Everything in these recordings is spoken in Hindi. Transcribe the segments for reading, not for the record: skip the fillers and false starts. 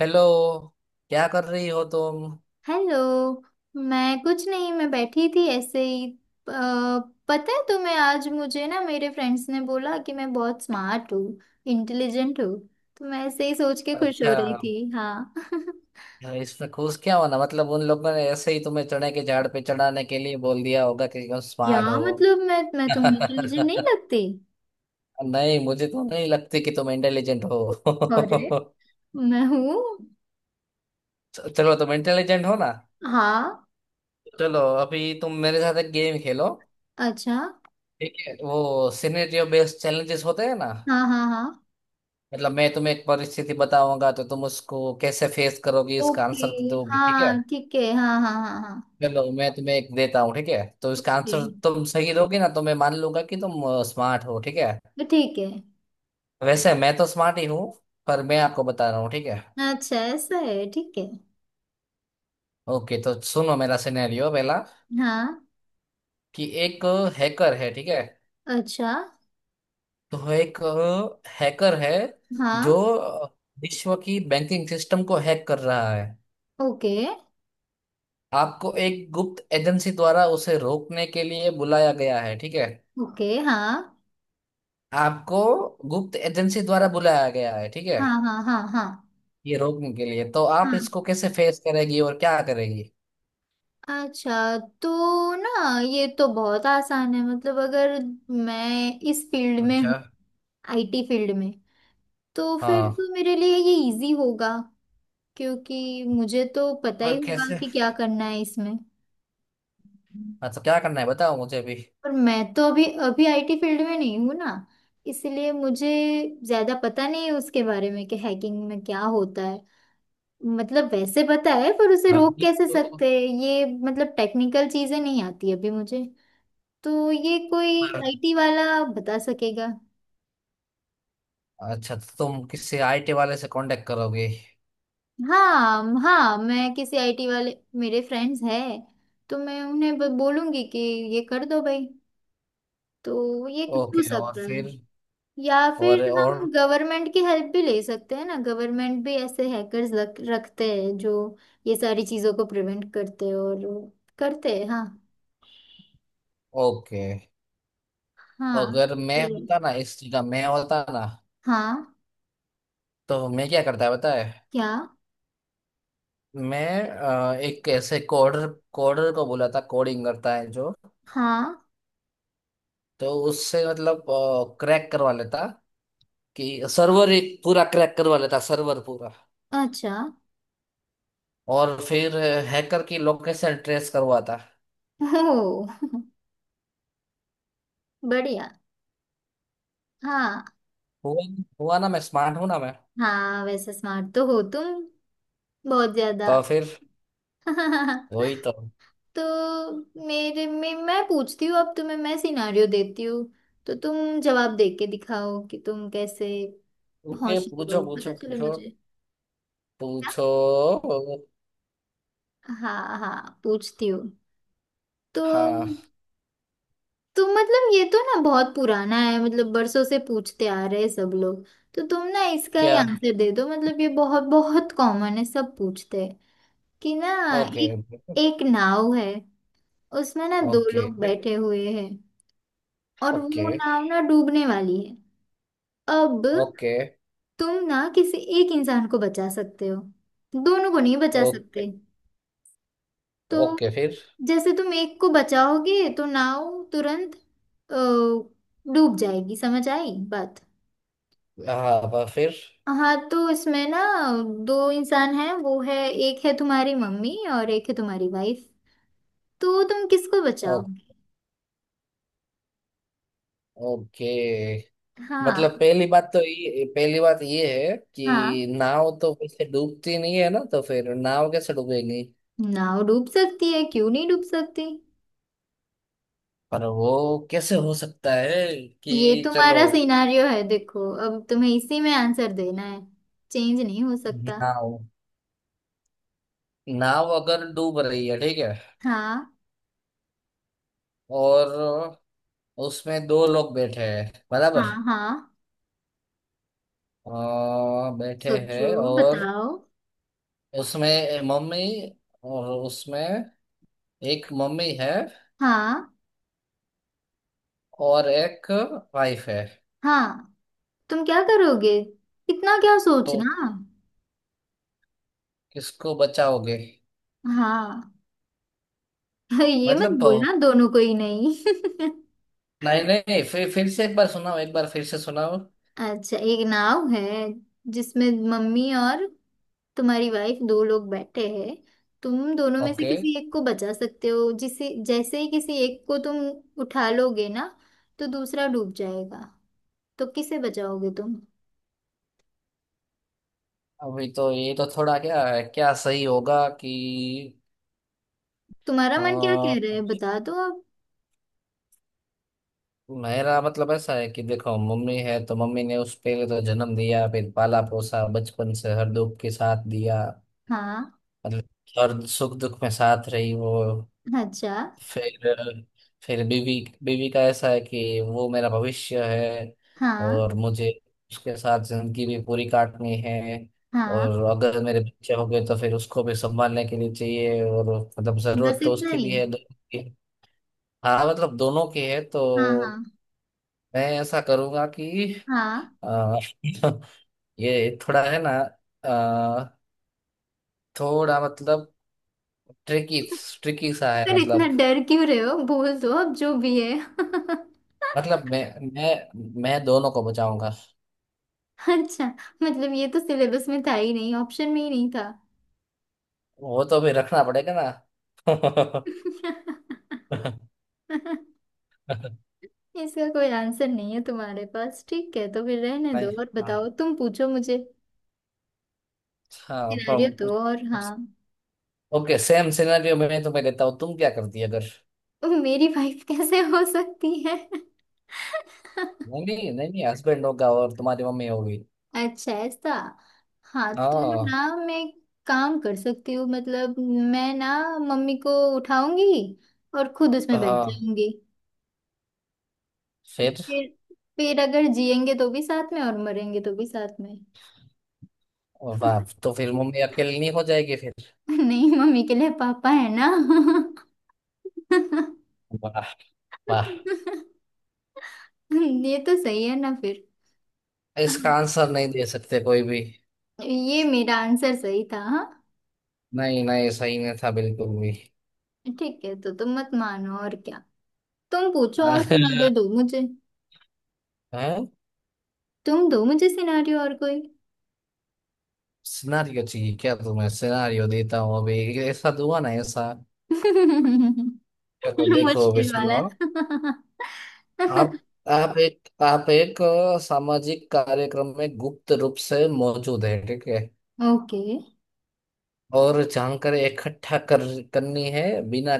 हेलो। क्या कर रही हो तुम? हेलो। मैं कुछ नहीं, मैं बैठी थी ऐसे ही। अ, पता है तुम्हें, आज मुझे ना मेरे फ्रेंड्स ने बोला कि मैं बहुत स्मार्ट हूँ, इंटेलिजेंट हूँ। तो मैं ऐसे ही सोच के खुश हो अच्छा, रही थी हाँ। इसमें खुश क्या होना, मतलब उन लोगों ने ऐसे ही तुम्हें चने के झाड़ पे चढ़ाने के लिए बोल दिया होगा कि तुम या स्मार्ट हो। मतलब मैं तुम्हें इंटेलिजेंट नहीं लगती? नहीं, मुझे तो नहीं लगती कि तुम इंटेलिजेंट अरे, हो। मैं हूँ। चलो, तुम इंटेलिजेंट हो ना। हाँ। चलो, अभी तुम मेरे साथ एक गेम खेलो। अच्छा। ठीक है, वो सिनेरियो बेस्ड चैलेंजेस होते हैं ना। हाँ हाँ हाँ। मतलब मैं तुम्हें एक परिस्थिति बताऊंगा तो तुम उसको कैसे फेस करोगी, इसका ओके। आंसर दोगी। ठीक है, हाँ ठीक है, हाँ हाँ हाँ हाँ। चलो मैं तुम्हें एक देता हूँ। ठीक है, तो इसका ओके आंसर तुम सही दोगे ना तो मैं मान लूंगा कि तुम स्मार्ट हो। ठीक है, तो ठीक है। वैसे मैं तो स्मार्ट ही हूँ, पर मैं आपको बता रहा हूँ। ठीक है, अच्छा ऐसा है, ठीक है। ओके तो सुनो मेरा सिनेरियो पहला। हाँ। कि एक हैकर है, ठीक है? अच्छा। तो एक हैकर है जो हाँ। विश्व की बैंकिंग सिस्टम को हैक कर रहा है। ओके आपको एक गुप्त एजेंसी द्वारा उसे रोकने के लिए बुलाया गया है। ठीक है, ओके। हाँ आपको गुप्त एजेंसी द्वारा बुलाया गया है ठीक है हाँ हाँ हाँ। हाँ ये रोकने के लिए, तो आप हाँ। इसको कैसे फेस करेगी और क्या करेगी? अच्छा, तो ना ये तो बहुत आसान है। मतलब अगर मैं इस फील्ड में अच्छा। हूँ, आईटी फील्ड में, तो फिर हाँ, तो मेरे लिए ये इजी होगा। क्योंकि मुझे तो पता ही पर होगा कैसे? कि क्या करना है इसमें। अच्छा, क्या करना है बताओ मुझे भी। पर मैं तो अभी अभी आईटी फील्ड में नहीं हूँ ना। इसलिए मुझे ज्यादा पता नहीं है उसके बारे में कि हैकिंग में क्या होता है। मतलब वैसे पता है, पर उसे रोक ये कैसे तो सकते हैं ये, मतलब टेक्निकल चीजें नहीं आती अभी मुझे। तो ये कोई पर- आईटी वाला बता सकेगा। अच्छा, तो तुम किसी आईटी वाले से कांटेक्ट करोगे। हाँ हाँ, मैं किसी आईटी वाले, मेरे फ्रेंड्स हैं, तो मैं उन्हें बोलूंगी कि ये कर दो भाई। तो ये हो ओके, और सकता है। फिर? या फिर और हम गवर्नमेंट की हेल्प भी ले सकते हैं ना। गवर्नमेंट भी ऐसे हैकर्स रखते हैं जो ये सारी चीजों को प्रिवेंट करते हैं और करते हैं हाँ। ओके, हाँ अगर मैं होता जरूर। ना इस जगह, मैं होता ना हाँ। तो मैं क्या करता है पता है? क्या? मैं एक ऐसे कोडर, कोडर को बोला था कोडिंग करता है जो, हाँ। तो उससे मतलब क्रैक करवा लेता कि सर्वर एक पूरा, क्रैक करवा लेता सर्वर पूरा। अच्छा। और फिर हैकर की लोकेशन ट्रेस करवाता। ओ, बढ़िया। हाँ। हुआ? हुआ ना, मैं स्मार्ट हूं ना मैं। हाँ वैसे स्मार्ट तो हो तुम, बहुत ज्यादा। तो फिर वही तो। तो मेरे में, मैं पूछती हूँ अब तुम्हें, मैं सिनारियो देती हूँ। तो तुम जवाब दे के दिखाओ कि तुम कैसे ओके, होशियार पूछो हो, पता पूछो चले पूछो। मुझे। क्या? पूछो। हाँ हाँ पूछती हूँ। तो हाँ। तुम मतलब ये तो ना बहुत पुराना है। मतलब बरसों से पूछते आ रहे हैं सब लोग। तो तुम ना इसका ही क्या? आंसर दे दो। मतलब ये बहुत बहुत कॉमन है, सब पूछते हैं कि ना। ओके, एक एक नाव है। उसमें ना दो ओके, लोग ओके, बैठे हुए हैं। और वो ओके। नाव ना डूबने वाली है। अब तुम ना किसी एक इंसान को बचा सकते हो, दोनों को नहीं बचा सकते। ओके। तो ओके फिर। जैसे तुम एक को बचाओगे तो नाव तुरंत डूब जाएगी, समझ आई बात? हाँ फिर। हाँ तो इसमें ना दो इंसान हैं, वो है, एक है तुम्हारी मम्मी और एक है तुम्हारी वाइफ। तो तुम किसको ओ- बचाओगी? ओके, मतलब हाँ पहली बात तो ये, पहली बात ये है हाँ। कि नाव तो वैसे डूबती नहीं है ना, तो फिर नाव कैसे डूबेगी? नाव डूब सकती है, क्यों नहीं डूब सकती। पर वो कैसे हो सकता है? ये कि चलो, तुम्हारा सिनारियो है, देखो अब तुम्हें इसी में आंसर देना है, चेंज नहीं हो सकता। नाव, नाव अगर डूब रही है ठीक है, हाँ और उसमें दो लोग बैठे हैं बराबर, हाँ हाँ। बैठे सोचो हैं, और बताओ। उसमें मम्मी, और उसमें एक मम्मी है हाँ और एक वाइफ है। हाँ। तुम क्या करोगे, इतना क्या तो सोचना। किसको बचाओगे? हाँ। ये मत मतलब बोलना दोनों को ही नहीं। नहीं नहीं, फिर फिर से एक बार सुनाओ एक बार फिर से सुनाओ। अच्छा, एक नाव है जिसमें मम्मी और तुम्हारी वाइफ, दो लोग बैठे हैं। तुम दोनों में से ओके, किसी एक को बचा सकते हो। जिसे, जैसे ही किसी एक को तुम उठा लोगे ना, तो दूसरा डूब जाएगा। तो किसे बचाओगे तुम? अभी तो ये तो थोड़ा, क्या है, क्या सही होगा कि, तुम्हारा मन क्या हाँ, कह रहा है, बता दो अब। मेरा मतलब ऐसा है कि देखो, मम्मी है तो मम्मी ने उस, पहले तो जन्म दिया, फिर पाला पोसा, बचपन से हर दुख के साथ दिया। हाँ। मतलब हर सुख दुख में साथ रही वो। अच्छा। फिर फिर बीवी, बीवी का ऐसा है कि वो मेरा भविष्य है, हाँ। और मुझे उसके साथ जिंदगी भी पूरी काटनी है। हाँ, और अगर मेरे बच्चे हो गए तो फिर उसको भी संभालने के लिए चाहिए और, मतलब बस जरूरत तो इतना उसकी ही? भी है, दोनों की। हाँ, मतलब दोनों की है, हाँ तो हाँ मैं ऐसा करूंगा कि हाँ, अ, ये थोड़ा है ना, अ, थोड़ा मतलब ट्रिकी, ट्रिकी सा है पर इतना मतलब। डर क्यों रहे हो, बोल दो अब जो भी है। मतलब मैं दोनों को बचाऊंगा। अच्छा, मतलब ये तो सिलेबस में था ही नहीं, ऑप्शन में ही नहीं था। वो तो भी रखना पड़ेगा ना। इसका कोई आंसर नहीं है तुम्हारे पास, ठीक है तो फिर रहने नहीं, दो। और हाँ, बताओ, तुम पूछो मुझे, हाँ पर, सिनारियो दो और। हाँ। ओके सेम सिनेरियो में तो मैं लेता हूँ, तुम क्या करती अगर, ओ, मेरी वाइफ कैसे हो सकती है? नहीं नहीं नहीं नहीं, हस्बैंड होगा और तुम्हारी मम्मी होगी। अच्छा ऐसा। हाँ तो हाँ। ना मैं काम कर सकती हूँ। मतलब मैं ना मम्मी को उठाऊंगी और खुद उसमें बैठ हाँ जाऊंगी। फिर? फिर फिर अगर जिएंगे तो भी साथ में और मरेंगे तो भी साथ में। वाह, तो फिर मम्मी अकेली नहीं हो जाएगी फिर? नहीं, मम्मी के लिए पापा है ना। वाह, वाह, ये तो सही है ना फिर। इसका हाँ, आंसर नहीं दे सकते कोई भी। ये मेरा आंसर सही था हाँ। नहीं नहीं, सही नहीं था बिल्कुल भी। ठीक है तो तुम मत मानो, और क्या। तुम पूछो और सिनारियो दो मुझे। हैं? तुम दो मुझे सिनारियो और कोई। सिनारियो चाहिए क्या तुम्हें? सिनारियो देता हूँ अभी, ऐसा तो हुआ ना ऐसा। चलो देखो अभी, मुश्किल वाला। सुनो, आप, आप एक सामाजिक कार्यक्रम में गुप्त रूप से मौजूद है ठीक है, ओके और जानकारी इकट्ठा कर, करनी है बिना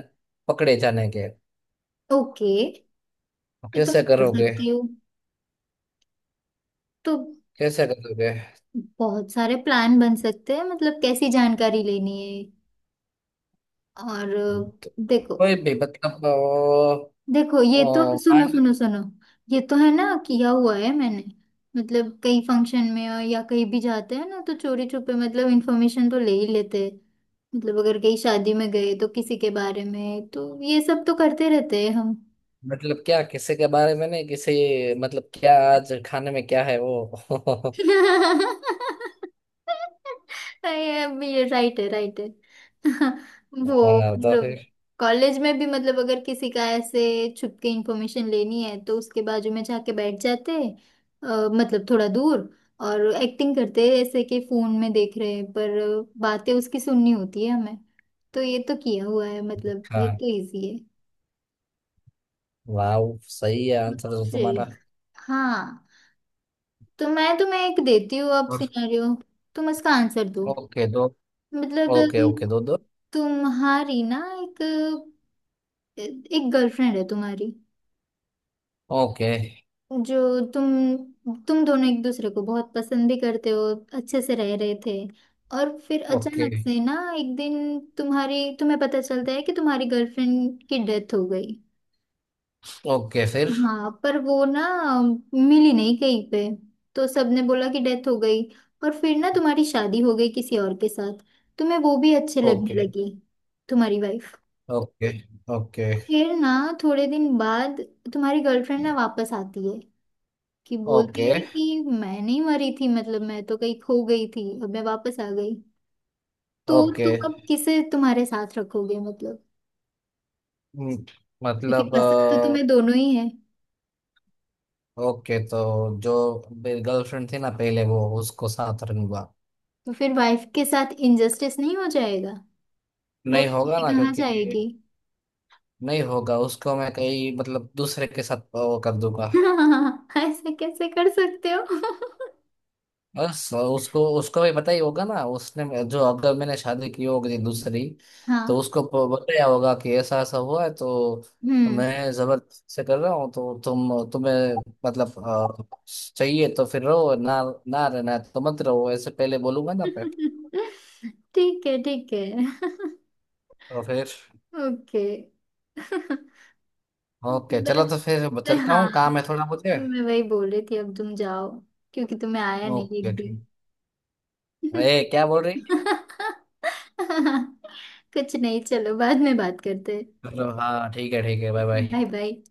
पकड़े जाने के। ओके, ये तो कैसे मैं कर करोगे? सकती हूँ। तो कैसे करोगे? बहुत सारे प्लान बन सकते हैं, मतलब कैसी जानकारी लेनी है और तो देखो। कोई भी मतलब, देखो ये तो ओ, सुनो सुनो मान- सुनो। ये तो है ना, किया हुआ है मैंने। मतलब कई फंक्शन में और या कहीं भी जाते हैं ना, तो चोरी छुपे मतलब इन्फॉर्मेशन तो ले ही लेते हैं। मतलब अगर कहीं शादी में गए तो किसी के बारे में, तो ये सब तो करते रहते हैं हम। मतलब क्या किसी के बारे में, नहीं किसी मतलब, क्या आज खाने में क्या है वो। ये राइट है राइट है। वो हाँ, तो फिर? कॉलेज में भी, मतलब अगर किसी का ऐसे छुप के इंफॉर्मेशन लेनी है, तो उसके बाजू में जाके बैठ जाते, अ, मतलब थोड़ा दूर। और एक्टिंग करते ऐसे कि फोन में देख रहे हैं, पर बातें उसकी सुननी होती है हमें। तो ये तो किया हुआ है, मतलब ये हाँ, तो इजी है। वाह, सही है आंसर तो तुम्हारा। जी। हाँ। तो मैं तुम्हें एक देती हूँ अब सिनेरियो। तुम इसका आंसर दो। ओके दो। मतलब ओके ओके, दो दो। तुम्हारी ना एक एक गर्लफ्रेंड है तुम्हारी, ओके, जो तुम दोनों एक दूसरे को बहुत पसंद भी करते हो, अच्छे से रह रहे थे। और फिर ओके, अचानक से ना एक दिन तुम्हारी, तुम्हें पता चलता है कि तुम्हारी गर्लफ्रेंड की डेथ हो गई। ओके फिर। हाँ, पर वो ना मिली नहीं कहीं पे। तो सबने बोला कि डेथ हो गई। और फिर ना तुम्हारी शादी हो गई किसी और के साथ। तुम्हें वो भी अच्छे लगने ओके, लगी, तुम्हारी वाइफ। ओके, ओके, फिर ना थोड़े दिन बाद तुम्हारी गर्लफ्रेंड ना वापस आती है। कि बोलती ओके, है कि मैं नहीं मरी थी, मतलब मैं तो कहीं खो गई थी, अब मैं वापस आ गई। तो ओके। तुम अब किसे तुम्हारे साथ रखोगे, मतलब हम्म, क्योंकि मतलब पसंद तो तुम्हें दोनों ही है। ओके, तो जो मेरी गर्लफ्रेंड थी ना पहले, वो, उसको साथ रन हुआ। तो फिर वाइफ के साथ इंजस्टिस नहीं हो जाएगा, वो नहीं होगा बेचारी ना, कहाँ क्योंकि जाएगी? नहीं होगा, उसको मैं कहीं मतलब दूसरे के साथ वो कर दूंगा। ऐसे कैसे कर सकते हो? बस उसको, उसको भी पता ही होगा ना, उसने जो, अगर मैंने शादी की होगी दूसरी तो हाँ। उसको बताया होगा कि ऐसा ऐसा हुआ है, तो हम्म। मैं जबरदस्ती से कर रहा हूँ, तो तुम, तुम्हें मतलब अ, चाहिए तो फिर रहो ना, ना रहना है तो मत रहो, ऐसे पहले बोलूंगा ना पे। ठीक है ठीक है। तो फिर, ओके। ओके चलो बस। तो फिर चलता हूँ, हाँ। काम है थोड़ा मुझे। तो मैं वही बोल रही थी, अब तुम जाओ, क्योंकि तुम्हें आया नहीं ओके एक भी। ठीक। अरे, क्या बोल रही? कुछ नहीं, चलो बाद में बात करते हैं। चलो, हाँ ठीक है ठीक है, बाय बाय। Bye bye.